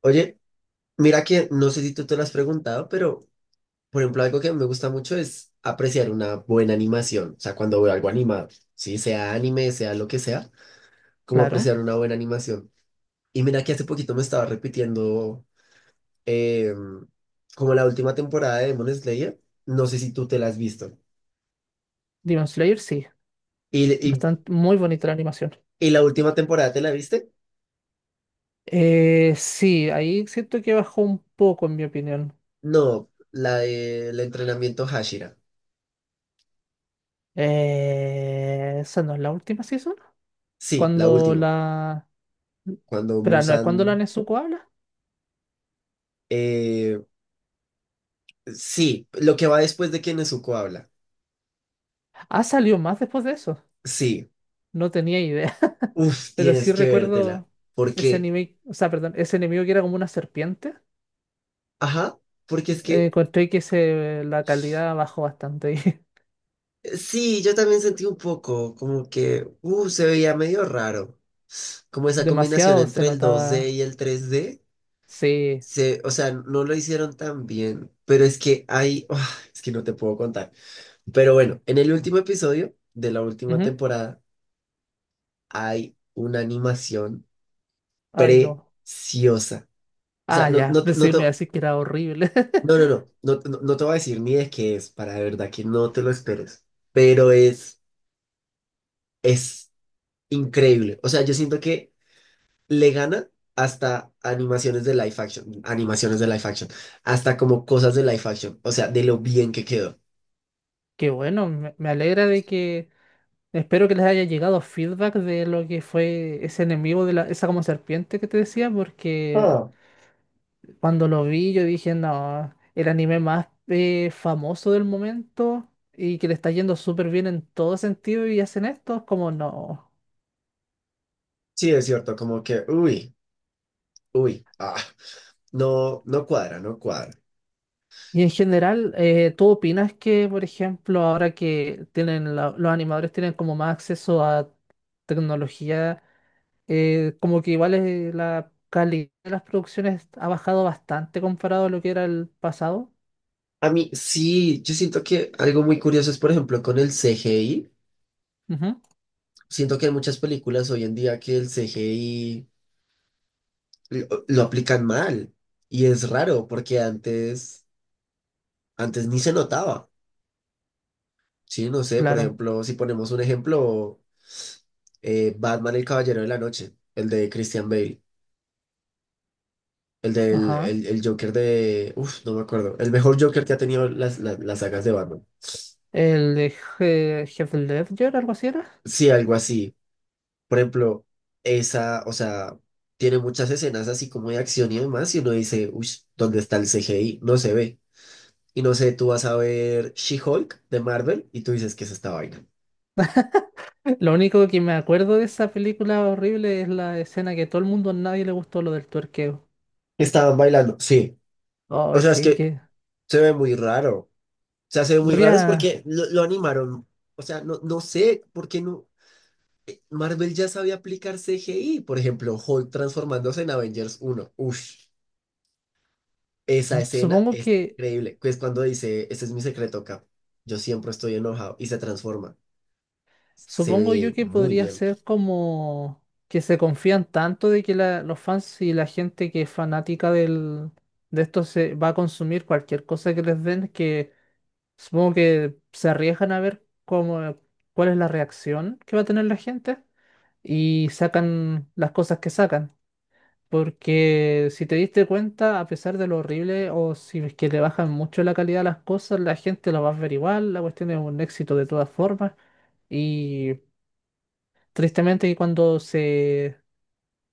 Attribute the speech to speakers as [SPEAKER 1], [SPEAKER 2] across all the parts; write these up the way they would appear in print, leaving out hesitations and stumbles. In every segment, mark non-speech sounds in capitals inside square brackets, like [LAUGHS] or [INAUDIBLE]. [SPEAKER 1] Oye, mira que no sé si tú te lo has preguntado, pero por ejemplo, algo que me gusta mucho es apreciar una buena animación. O sea, cuando veo algo animado, sí, sea anime, sea lo que sea, como
[SPEAKER 2] Claro,
[SPEAKER 1] apreciar una buena animación. Y mira que hace poquito me estaba repitiendo eh, como la última temporada de Demon Slayer. No sé si tú te la has visto.
[SPEAKER 2] Demon Slayer sí,
[SPEAKER 1] ¿Y, y,
[SPEAKER 2] bastante muy bonita la animación.
[SPEAKER 1] y la última temporada te la viste?
[SPEAKER 2] Sí, ahí siento que bajó un poco en mi opinión.
[SPEAKER 1] No, la del entrenamiento Hashira.
[SPEAKER 2] Esa no es la última season.
[SPEAKER 1] Sí, la
[SPEAKER 2] Cuando
[SPEAKER 1] última.
[SPEAKER 2] la...
[SPEAKER 1] Cuando
[SPEAKER 2] Pero no es cuando la
[SPEAKER 1] Musan.
[SPEAKER 2] Nezuko habla.
[SPEAKER 1] eh, Sí, lo que va después de que Nezuko habla.
[SPEAKER 2] Ah, salió más después de eso.
[SPEAKER 1] Sí,
[SPEAKER 2] No tenía idea. [LAUGHS]
[SPEAKER 1] uf,
[SPEAKER 2] Pero sí
[SPEAKER 1] tienes que vértela.
[SPEAKER 2] recuerdo ese
[SPEAKER 1] Porque,
[SPEAKER 2] anime, o sea, perdón, ese enemigo que era como una serpiente.
[SPEAKER 1] ajá, porque es que,
[SPEAKER 2] Encontré que la calidad bajó bastante.
[SPEAKER 1] sí, yo también sentí un poco como que, se veía medio raro. Como
[SPEAKER 2] [LAUGHS]
[SPEAKER 1] esa combinación
[SPEAKER 2] Demasiado se
[SPEAKER 1] entre el dos d
[SPEAKER 2] notaba.
[SPEAKER 1] y el tres d.
[SPEAKER 2] Sí.
[SPEAKER 1] Se, o sea, no lo hicieron tan bien. Pero es que hay, ah, es que no te puedo contar. Pero bueno, en el último episodio de la última
[SPEAKER 2] Ujú.
[SPEAKER 1] temporada hay una animación
[SPEAKER 2] Ay, no.
[SPEAKER 1] preciosa. O sea,
[SPEAKER 2] Ah, ya, decirme así que era horrible. [LAUGHS]
[SPEAKER 1] No, no, no, no, no, no te voy a decir ni de qué es, para de verdad que no te lo esperes, pero es increíble. O sea, yo siento que le gana hasta animaciones de live action, animaciones de live action, hasta como cosas de live action, o sea, de lo bien que quedó.
[SPEAKER 2] Qué bueno, me alegra de que. Espero que les haya llegado feedback de lo que fue ese enemigo de esa como serpiente que te decía, porque
[SPEAKER 1] Ah.
[SPEAKER 2] cuando lo vi yo dije, no, el anime más famoso del momento y que le está yendo súper bien en todo sentido y hacen esto, como no.
[SPEAKER 1] Sí, es cierto, como que, uy, ah, no, no cuadra, no cuadra.
[SPEAKER 2] Y en general, ¿tú opinas que, por ejemplo, ahora que tienen los animadores tienen como más acceso a tecnología? Como que igual es la calidad de las producciones ha bajado bastante comparado a lo que era el pasado.
[SPEAKER 1] A mí sí, yo siento que algo muy curioso es, por ejemplo, con el CGI.
[SPEAKER 2] Ujú.
[SPEAKER 1] Siento que hay muchas películas hoy en día que el CGI lo aplican mal. Y es raro porque antes, antes ni se notaba. Sí, no sé, por
[SPEAKER 2] Claro.
[SPEAKER 1] ejemplo, si ponemos un ejemplo, Batman el Caballero de la Noche, el de Christian Bale, el
[SPEAKER 2] Ajá.
[SPEAKER 1] el Joker de... Uf, no me acuerdo. El mejor Joker que ha tenido las sagas de Batman.
[SPEAKER 2] El de Heath Ledger, algo así era.
[SPEAKER 1] Sí, algo así. Por ejemplo, esa, o sea, tiene muchas escenas así como de acción y demás, y uno dice, uy, ¿dónde está el CGI? No se ve. Y no sé, tú vas a ver She-Hulk de Marvel y tú dices, que es esta vaina?
[SPEAKER 2] [LAUGHS] Lo único que me acuerdo de esa película horrible es la escena que todo el mundo, a nadie le gustó lo del tuerqueo.
[SPEAKER 1] Estaban bailando, sí. O
[SPEAKER 2] Oh,
[SPEAKER 1] sea, es
[SPEAKER 2] sí,
[SPEAKER 1] que
[SPEAKER 2] que
[SPEAKER 1] se ve muy raro. O sea, se ve
[SPEAKER 2] no
[SPEAKER 1] muy raro es
[SPEAKER 2] había.
[SPEAKER 1] porque lo animaron. O sea, no, no sé por qué no. Marvel ya sabía aplicar CGI. Por ejemplo, Hulk transformándose en Avengers uno. Uff, esa escena
[SPEAKER 2] Supongo
[SPEAKER 1] es
[SPEAKER 2] que.
[SPEAKER 1] increíble. Que Es cuando dice, este es mi secreto, Cap. Yo siempre estoy enojado y se transforma. Se
[SPEAKER 2] Supongo
[SPEAKER 1] ve
[SPEAKER 2] yo que
[SPEAKER 1] muy
[SPEAKER 2] podría
[SPEAKER 1] bien.
[SPEAKER 2] ser como que se confían tanto de que los fans y la gente que es fanática de esto se va a consumir cualquier cosa que les den, que supongo que se arriesgan a ver cómo, cuál es la reacción que va a tener la gente y sacan las cosas que sacan. Porque si te diste cuenta, a pesar de lo horrible o si es que le bajan mucho la calidad a las cosas, la gente lo va a ver igual, la cuestión es un éxito de todas formas. Y tristemente que cuando se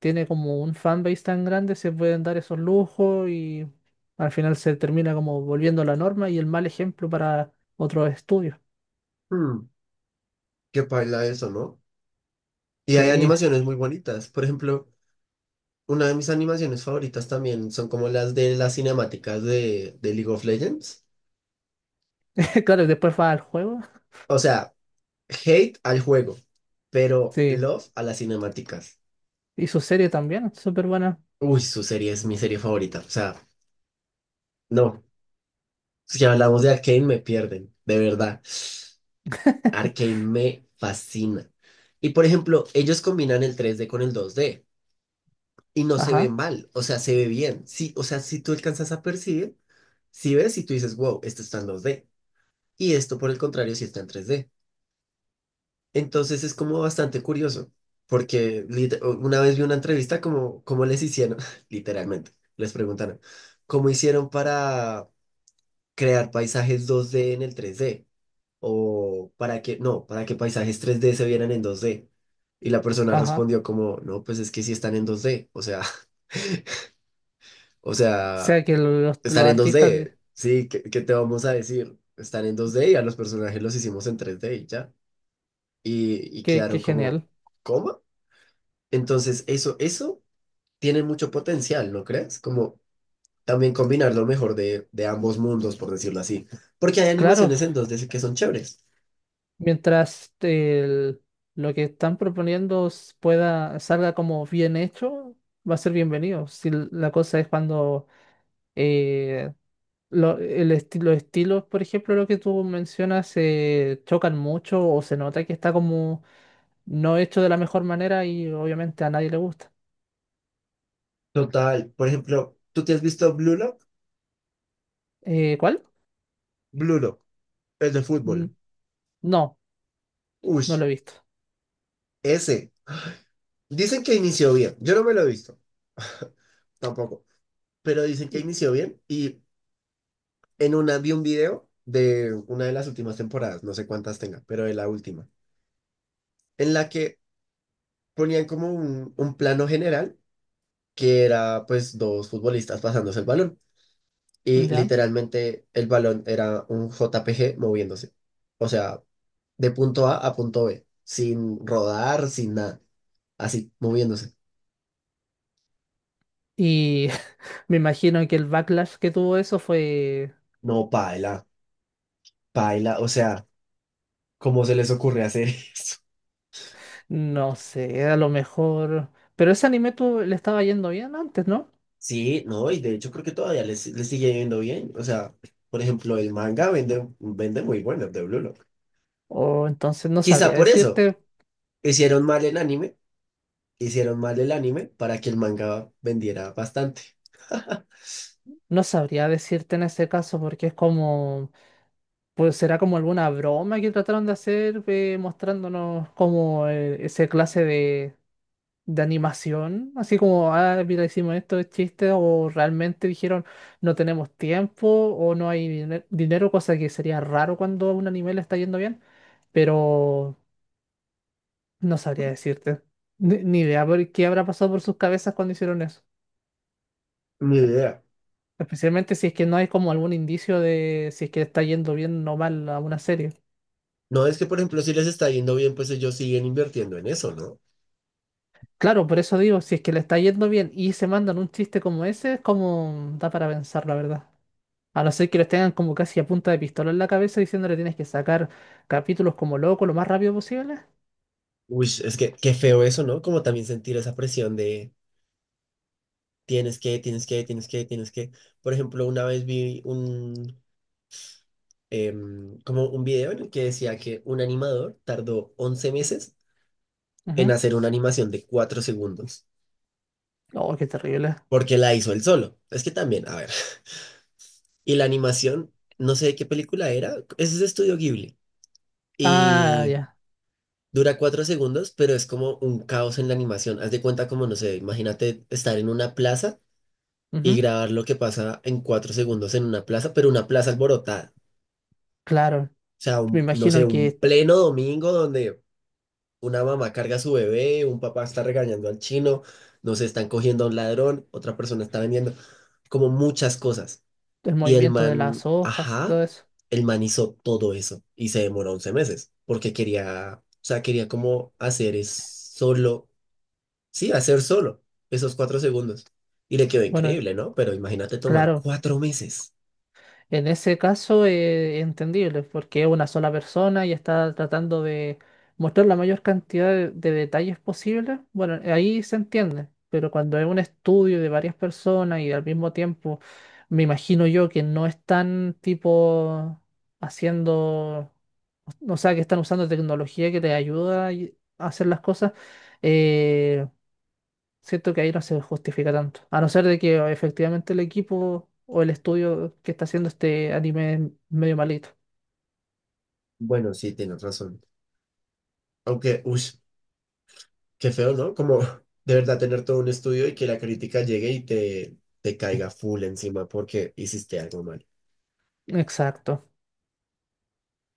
[SPEAKER 2] tiene como un fanbase tan grande se pueden dar esos lujos y al final se termina como volviendo la norma y el mal ejemplo para otros estudios.
[SPEAKER 1] Hmm, qué paila eso, ¿no? Y hay
[SPEAKER 2] Sí,
[SPEAKER 1] animaciones muy bonitas. Por ejemplo, una de mis animaciones favoritas también son como las de las cinemáticas de League of Legends.
[SPEAKER 2] [LAUGHS] claro, y después va al juego.
[SPEAKER 1] O sea, hate al juego, pero
[SPEAKER 2] Sí,
[SPEAKER 1] love a las cinemáticas.
[SPEAKER 2] y su serie también, súper buena.
[SPEAKER 1] Uy, su serie es mi serie favorita. O sea, no. Si hablamos de Arcane, me pierden, de verdad. Arcane
[SPEAKER 2] [LAUGHS]
[SPEAKER 1] me fascina. Y por ejemplo, ellos combinan el tres d con el dos d y no se ve
[SPEAKER 2] Ajá,
[SPEAKER 1] mal, o sea, se ve bien. Sí, o sea, si tú alcanzas a percibir, si ves y tú dices, wow, esto está en dos d. Y esto, por el contrario, sí está en tres d. Entonces es como bastante curioso, porque una vez vi una entrevista como cómo les hicieron, [LAUGHS] literalmente, les preguntaron, ¿cómo hicieron para crear paisajes dos d en el tres d? O para que, no, para que paisajes tres d se vieran en dos d. Y la persona
[SPEAKER 2] ajá.
[SPEAKER 1] respondió como, no, pues es que sí están en dos d, o sea, [LAUGHS] o
[SPEAKER 2] O
[SPEAKER 1] sea,
[SPEAKER 2] sea que los
[SPEAKER 1] están en dos
[SPEAKER 2] artistas,
[SPEAKER 1] d, sí, ¿qué, qué te vamos a decir? Están en dos d y a los personajes los hicimos en tres d y ya. Y
[SPEAKER 2] qué, qué
[SPEAKER 1] quedaron como,
[SPEAKER 2] genial.
[SPEAKER 1] ¿cómo? Entonces, eso tiene mucho potencial, ¿no crees? Como también combinar lo mejor de ambos mundos, por decirlo así. Porque hay
[SPEAKER 2] Claro,
[SPEAKER 1] animaciones en dos d que son chéveres.
[SPEAKER 2] mientras lo que están proponiendo pueda, salga como bien hecho, va a ser bienvenido. Si la cosa es cuando eh, los estilos, por ejemplo, lo que tú mencionas, se chocan mucho o se nota que está como no hecho de la mejor manera y obviamente a nadie le gusta.
[SPEAKER 1] Total, por ejemplo, ¿tú te has visto Blue Lock?
[SPEAKER 2] ¿Cuál?
[SPEAKER 1] Blue Lock, el de
[SPEAKER 2] Mm,
[SPEAKER 1] fútbol.
[SPEAKER 2] no, no
[SPEAKER 1] Ush,
[SPEAKER 2] lo he visto.
[SPEAKER 1] ese. Dicen que inició bien. Yo no me lo he visto. [LAUGHS] Tampoco. Pero dicen que
[SPEAKER 2] Y,
[SPEAKER 1] inició bien y en una vi un video de una de las últimas temporadas, no sé cuántas tenga, pero de la última, en la que ponían como un plano general que era pues dos futbolistas pasándose el balón. Y
[SPEAKER 2] ya.
[SPEAKER 1] literalmente el balón era un JPG moviéndose. O sea, de punto A a punto B, sin rodar, sin nada, así moviéndose.
[SPEAKER 2] Y [LAUGHS] me imagino que el backlash que tuvo eso fue,
[SPEAKER 1] No, paila, paila, o sea, ¿cómo se les ocurre hacer? [LAUGHS]
[SPEAKER 2] no sé, a lo mejor... Pero ese anime tú le estaba yendo bien antes, ¿no?
[SPEAKER 1] Sí, no, y de hecho creo que todavía les sigue yendo bien. O sea, por ejemplo, el manga vende, vende muy bueno de Blue Lock.
[SPEAKER 2] O entonces no
[SPEAKER 1] Quizá
[SPEAKER 2] sabría
[SPEAKER 1] por eso
[SPEAKER 2] decirte,
[SPEAKER 1] hicieron mal el anime, hicieron mal el anime para que el manga vendiera bastante. [LAUGHS]
[SPEAKER 2] no sabría decirte en ese caso porque es como... Pues será como alguna broma que trataron de hacer mostrándonos como esa clase de animación, así como, ah, mira, hicimos esto, es chiste, o realmente dijeron no tenemos tiempo o no hay dinero, cosa que sería raro cuando a un anime le está yendo bien, pero no sabría decirte. Ni idea por qué habrá pasado por sus cabezas cuando hicieron eso.
[SPEAKER 1] Ni idea.
[SPEAKER 2] Especialmente si es que no hay como algún indicio de si es que está yendo bien o mal a una serie.
[SPEAKER 1] No, es que, por ejemplo, si les está yendo bien, pues ellos siguen invirtiendo en eso, ¿no?
[SPEAKER 2] Claro, por eso digo, si es que le está yendo bien y se mandan un chiste como ese, es como da para pensar, la verdad. A no ser que los tengan como casi a punta de pistola en la cabeza diciéndole tienes que sacar capítulos como loco lo más rápido posible.
[SPEAKER 1] Uy, es que qué feo eso, ¿no? Como también sentir esa presión de tienes que, tienes que, tienes que, tienes que. Por ejemplo, una vez vi como un video en el que decía que un animador tardó 11 meses en
[SPEAKER 2] Ujú.
[SPEAKER 1] hacer una animación de 4 segundos,
[SPEAKER 2] Oh, qué terrible.
[SPEAKER 1] porque la hizo él solo. Es que también, a ver. [LAUGHS] Y la animación, no sé de qué película era, es de Estudio Ghibli.
[SPEAKER 2] Ah,
[SPEAKER 1] Y
[SPEAKER 2] ya.
[SPEAKER 1] dura 4 segundos, pero es como un caos en la animación. Haz de cuenta como, no sé, imagínate estar en una plaza y
[SPEAKER 2] Ujú.
[SPEAKER 1] grabar lo que pasa en 4 segundos en una plaza, pero una plaza alborotada.
[SPEAKER 2] Claro.
[SPEAKER 1] O sea,
[SPEAKER 2] Me
[SPEAKER 1] no sé,
[SPEAKER 2] imagino
[SPEAKER 1] un
[SPEAKER 2] que
[SPEAKER 1] pleno domingo donde una mamá carga a su bebé, un papá está regañando al chino, no sé, están cogiendo a un ladrón, otra persona está vendiendo, como muchas cosas.
[SPEAKER 2] el
[SPEAKER 1] Y el
[SPEAKER 2] movimiento de
[SPEAKER 1] man,
[SPEAKER 2] las hojas y
[SPEAKER 1] ajá,
[SPEAKER 2] todo eso.
[SPEAKER 1] el man hizo todo eso y se demoró 11 meses porque quería, o sea, quería como hacer es solo. Sí, hacer solo esos 4 segundos. Y le quedó
[SPEAKER 2] Bueno,
[SPEAKER 1] increíble, ¿no? Pero imagínate tomar
[SPEAKER 2] claro.
[SPEAKER 1] 4 meses.
[SPEAKER 2] En ese caso, entendible, porque es una sola persona y está tratando de mostrar la mayor cantidad de detalles posible. Bueno, ahí se entiende, pero cuando es un estudio de varias personas y al mismo tiempo, me imagino yo que no están tipo haciendo, o sea, que están usando tecnología que les ayuda a hacer las cosas, eh, siento que ahí no se justifica tanto. A no ser de que o, efectivamente el equipo o el estudio que está haciendo este anime es medio malito.
[SPEAKER 1] Bueno, sí, tienes razón. Aunque, uy, qué feo, ¿no? Como [LAUGHS] de verdad tener todo un estudio y que la crítica llegue y te caiga full encima porque hiciste algo mal.
[SPEAKER 2] Exacto.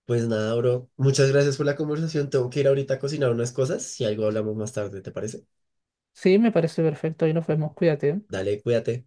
[SPEAKER 1] Pues nada, bro. Muchas gracias por la conversación. Tengo que ir ahorita a cocinar unas cosas. Si algo hablamos más tarde, ¿te parece?
[SPEAKER 2] Sí, me parece perfecto. Ahí nos vemos. Cuídate.
[SPEAKER 1] Dale, cuídate.